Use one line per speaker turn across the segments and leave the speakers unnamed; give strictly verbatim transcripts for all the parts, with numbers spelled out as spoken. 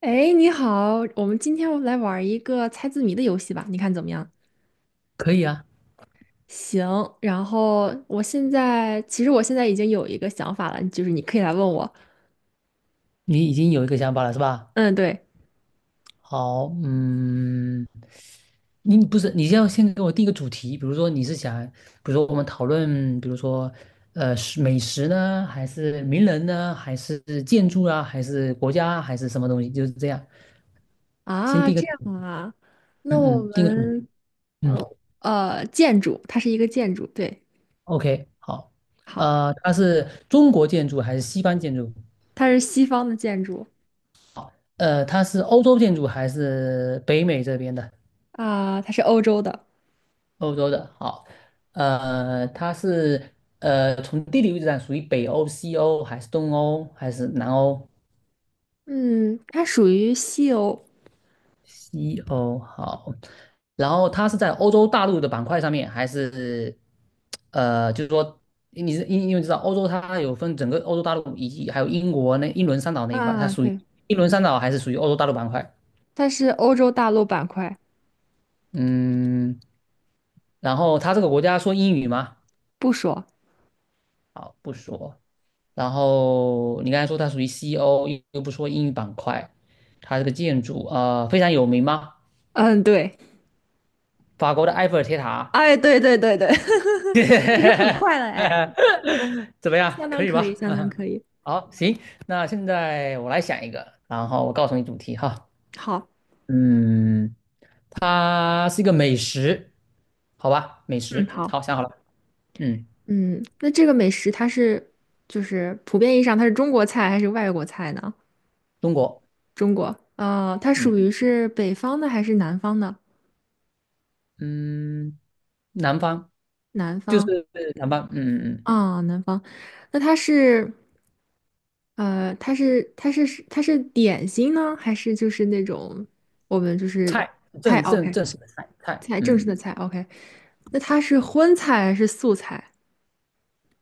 哎，你好，我们今天来玩儿一个猜字谜的游戏吧，你看怎么样？
可以啊。
行，然后我现在其实我现在已经有一个想法了，就是你可以来问我。
你已经有一个想法了是吧？
嗯，对
好，嗯，你不是，你要先给我定一个主题，比如说你是想，比如说我们讨论，比如说，呃，是美食呢，还是名人呢，还是建筑啊，还是国家啊还是什么东西？就是这样，先
啊，
定个
这
主
样啊，那
嗯
我
嗯，定个主题，
们
嗯
呃呃，建筑，它是一个建筑，对，
，O K,好。
好，
呃，它是中国建筑还是西方建筑？
它是西方的建筑
好，呃，它是欧洲建筑还是北美这边的？
啊，它是欧洲的，
欧洲的，好。呃，它是呃，从地理位置上属于北欧、西欧还是东欧还是南欧？
嗯，它属于西欧
西欧好。然后它是在欧洲大陆的板块上面，还是呃，就是说你是因因为知道欧洲它有分整个欧洲大陆以及还有英国那英伦三岛那一块，它
啊，
属于
对，
英伦三岛还是属于欧洲大陆板块？
它是欧洲大陆板块，
嗯，然后它这个国家说英语吗？
不说，
好，不说。然后你刚才说它属于西欧，又又不说英语板块，它这个建筑呃非常有名吗？
嗯，对。
法国的埃菲尔铁塔。
哎，对对对对，哎，就很 快了，哎，
怎么样？
相
可
当
以
可以，
吧？
相当 可以。
好，行，那现在我来想一个，然后我告诉你主题哈。
好，
嗯，它是一个美食，好吧？美
嗯，
食，
好，
好，想好了。嗯，
嗯，那这个美食它是就是普遍意义上它是中国菜还是外国菜呢？
中国，
中国，呃，它
嗯
属于是北方的还是南方的？
嗯，南方，
南
就
方
是南方，嗯嗯，嗯，
啊，南方。那它是呃，它是它是它是点心呢，还是就是那种我们就是
菜，
菜
正正
？OK，
正式的菜菜，
菜正式
嗯。
的菜。OK，那它是荤菜还是素菜？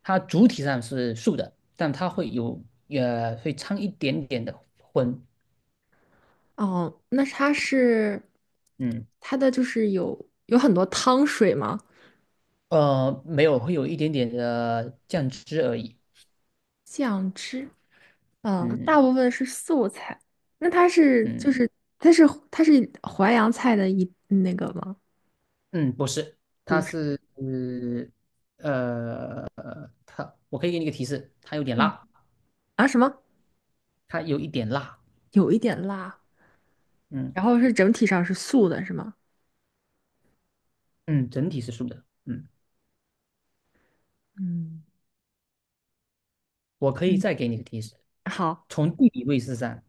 它主体上是素的，但它会有呃会掺一点点的荤，
哦，那它是
嗯，
它的就是有有很多汤水吗？
呃没有，会有一点点的酱汁而已，
酱汁，嗯，
嗯，
大部分是素菜。那它是
嗯，
就是它是它是淮扬菜的一那个吗？
嗯，不是，它
不是，
是呃它我可以给你一个提示，它有点
嗯，
辣，
啊什么？
它有一点辣，
有一点辣，
嗯，
然后是整体上是素的，是吗？
嗯，整体是素的，嗯，
嗯，
我可以
嗯，
再给你一个提示，
好
从地理位置上，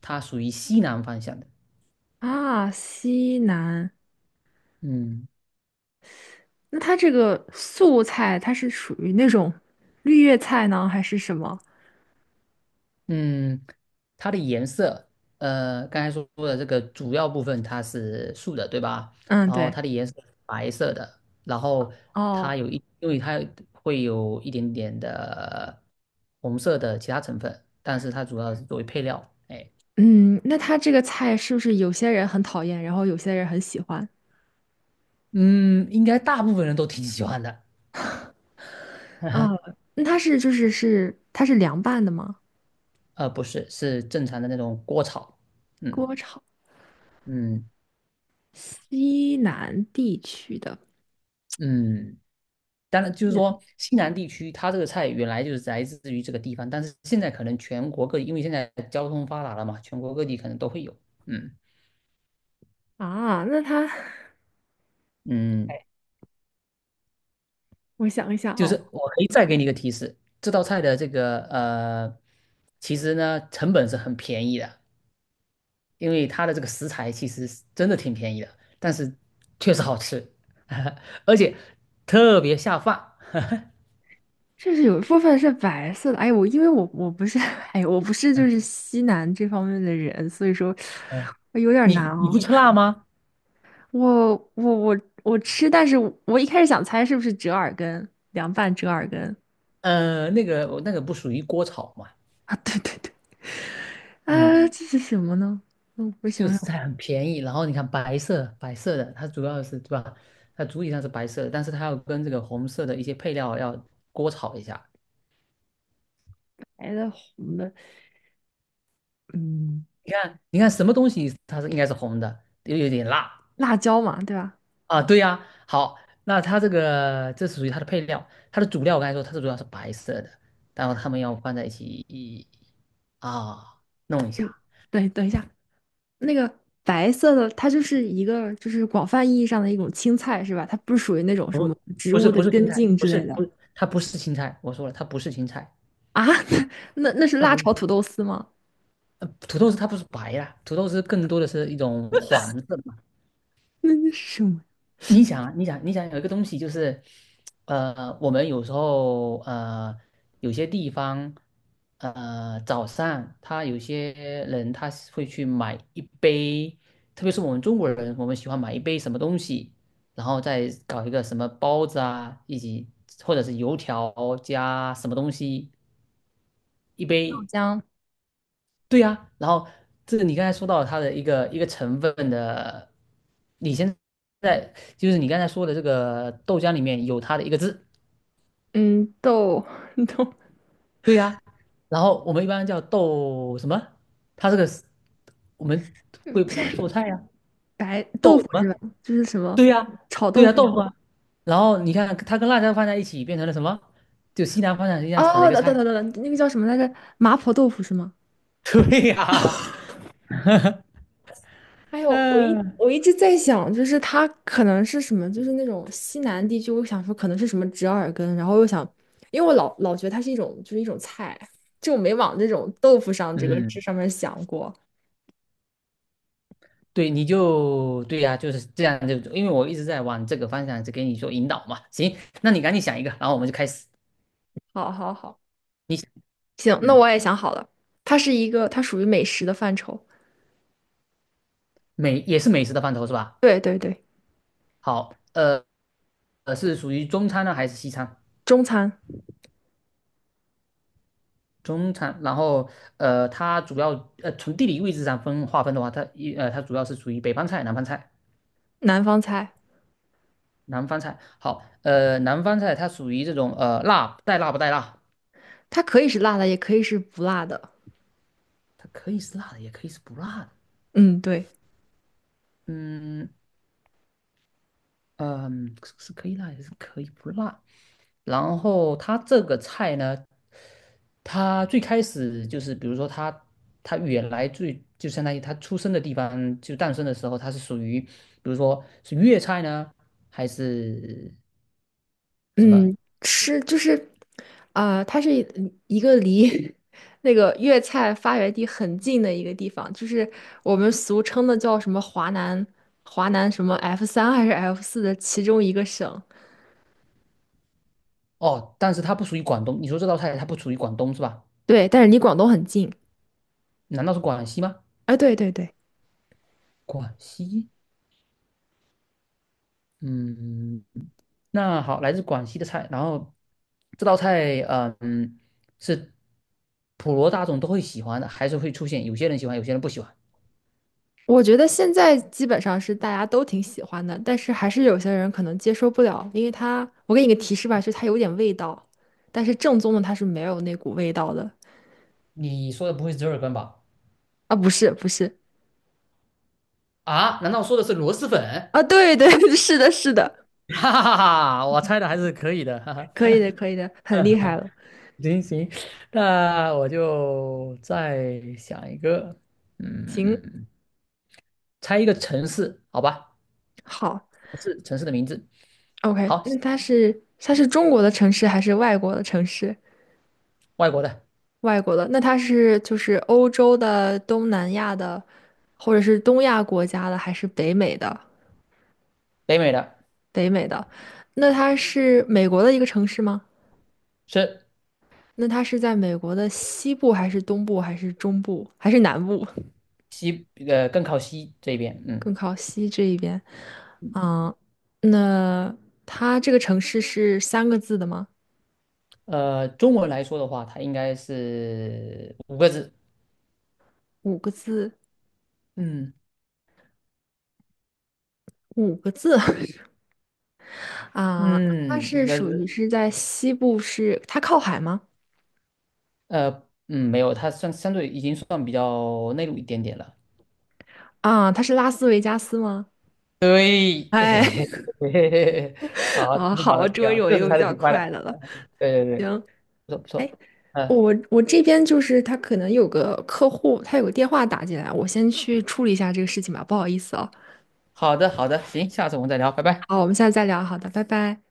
它属于西南方向的，
啊，西南。
嗯。
那它这个素菜，它是属于那种绿叶菜呢，还是什么？
嗯，它的颜色，呃，刚才说的这个主要部分它是素的，对吧？
嗯，
然后
对，
它的颜色是白色的，然后
哦。
它有一，因为它会有一点点的红色的其他成分，但是它主要是作为配料。哎，
嗯，那它这个菜是不是有些人很讨厌，然后有些人很喜欢？
嗯，应该大部分人都挺喜欢的。
啊，那它是就是是它是凉拌的吗？
呃，不是，是正常的那种锅炒。嗯，
锅炒，
嗯，
西南地区的
嗯。当然，就是说西南地区，它这个菜原来就是来自于这个地方，但是现在可能全国各地，因为现在交通发达了嘛，全国各地可能都会有。嗯，
啊，那它
嗯，
我想一想
就是
哦，
我可以再给你一个提示，这道菜的这个呃，其实呢成本是很便宜的，因为它的这个食材其实是真的挺便宜的，但是确实好吃，而且特别下饭。
这是有一部分是白色的。哎，我因为我我不是 哎，我不是就是西南这方面的人，所以说
嗯，
我有点难
你你
哦。
不吃辣吗？
我我我我吃，但是我一开始想猜是不是折耳根，凉拌折耳根
呃，那个那个不属于锅炒嘛。
啊？对对对。
嗯。
啊，这是什么呢？嗯，我
就
想
食
想，
材很便宜，然后你看白色白色的，它主要是对吧？它主体上是白色的，但是它要跟这个红色的一些配料要锅炒一下。
白的、红的，嗯，
你看，你看什么东西它是应该是红的，又有点辣？
辣椒嘛，对吧？
啊？对呀、好，那它这个这属于它的配料，它的主料我刚才说它是主要是白色的，然后它们要放在一起啊弄一
嗯，
下。
对，等一下，那个白色的，它就是一个就是广泛意义上的一种青菜，是吧？它不是属于那种什么植
不是
物的
不是青
根
菜，
茎
不
之
是
类的
不它不是青菜，我说了它不是青菜，
啊？那那是
它
辣
不是。
炒土豆丝吗？
呃，土豆丝它不是白啦，土豆丝更多的是一种黄色嘛。
那那是什么？
你想啊，你想，你想有一个东西就是，呃，我们有时候呃，有些地方，呃，早上他有些人他是会去买一杯，特别是我们中国人，我们喜欢买一杯什么东西，然后再搞一个什么包子啊，以及或者是油条加什么东西，一
豆
杯，
浆，
对呀、然后这个你刚才说到它的一个一个成分的，你现在就是你刚才说的这个豆浆里面有它的一个字，
嗯，豆 豆
对呀、然后我们一般叫豆什么？它这个是我们会把它做菜呀、
白豆
豆
腐
什么？
是吧？就是什
对
么
呀、
炒
对
豆
呀、
腐？
豆腐啊。然后你看它跟辣椒放在一起变成了什么？就西南方向西样炒的一
哦，
个
等等
菜。
等等，那个叫什么来着？麻婆豆腐是吗？
对呀、
哎呦，我一
嗯，
我一直在想，就是它可能是什么，就是那种西南地区，我想说可能是什么折耳根，然后又想，因为我老老觉得它是一种就是一种菜，就我没往这种豆腐上这个这上面想过。
对，你就对呀、就是这样就，因为我一直在往这个方向在给你做引导嘛。行，那你赶紧想一个，然后我们就开始。
好好好，
你想
行，那
嗯，
我也想好了，它是一个它属于美食的范畴，
美也是美食的范畴是吧？
对对对，
好，呃呃，是属于中餐呢还是西餐？
中餐
中餐，然后呃，它主要呃从地理位置上分划分的话，它一呃它主要是属于北方菜、南方菜。
南方菜，
南方菜好，呃，南方菜它属于这种呃辣带辣不带辣，
它可以是辣的，也可以是不辣的。
它可以是辣的，也可以是不辣的。
嗯，对。
嗯，嗯，是可以辣也是可以不辣。然后它这个菜呢，它最开始就是，比如说它它原来最就相当于它出生的地方，就诞生的时候，它是属于，比如说是粤菜呢，还是什么？
嗯，吃就是，啊、它是一一个离 那个粤菜发源地很近的一个地方，就是我们俗称的叫什么华南，华南什么 F 三还是 F 四的其中一个省。
哦，但是它不属于广东。你说这道菜它不属于广东是吧？
对，但是离广东很近。
难道是广西吗？
哎，对对对，
广西？嗯，那好，来自广西的菜，然后这道菜，呃嗯，是普罗大众都会喜欢的，还是会出现有些人喜欢，有些人不喜欢？
我觉得现在基本上是大家都挺喜欢的，但是还是有些人可能接受不了，因为它，我给你个提示吧，就是它有点味道，但是正宗的它是没有那股味道的。
你说的不会是折耳根吧？
啊，不是不是，
啊？难道说的是螺蛳粉？
啊，对对，是的，是的。
哈哈哈哈，我猜的还是可以的。哈
可
哈。
以的，可以的，很厉害 了。
行行，那我就再想一个，
行，
嗯，猜一个城市，好吧？
好
是城市城市的名字。
，OK。
好，
那它是它是中国的城市还是外国的城市？
外国的，
外国的，那它是就是欧洲的、东南亚的，或者是东亚国家的，还是北美的？
北美的，
北美的，那它是美国的一个城市吗？
是。
那它是在美国的西部还是东部还是中部还是南部？
西呃更靠西这边，嗯，
更靠西这一边。嗯，那它这个城市是三个字的吗？
呃，中文来说的话，它应该是五个字，
五个字？
嗯
五个字 啊，那它
嗯，五
是
个
属于
字，
是在西部是，它靠海吗？
呃，嗯，没有，它算相对已经算比较内陆一点点了，
啊，它是拉斯维加斯吗？
对，
哎，
对，好，
啊，
挺好
好，
的，挺
终于
好的，
有
这
一
次
个比
猜的
较
挺快
快
的，
的了。
对对对，不错不
哎，
错，嗯、
我我这边就是他可能有个客户，他有个电话打进来，我先去处理一下这个事情吧，不好意思哦。
好的好的，行，下次我们再聊，拜拜。
好，我们下次再聊，好的，拜拜。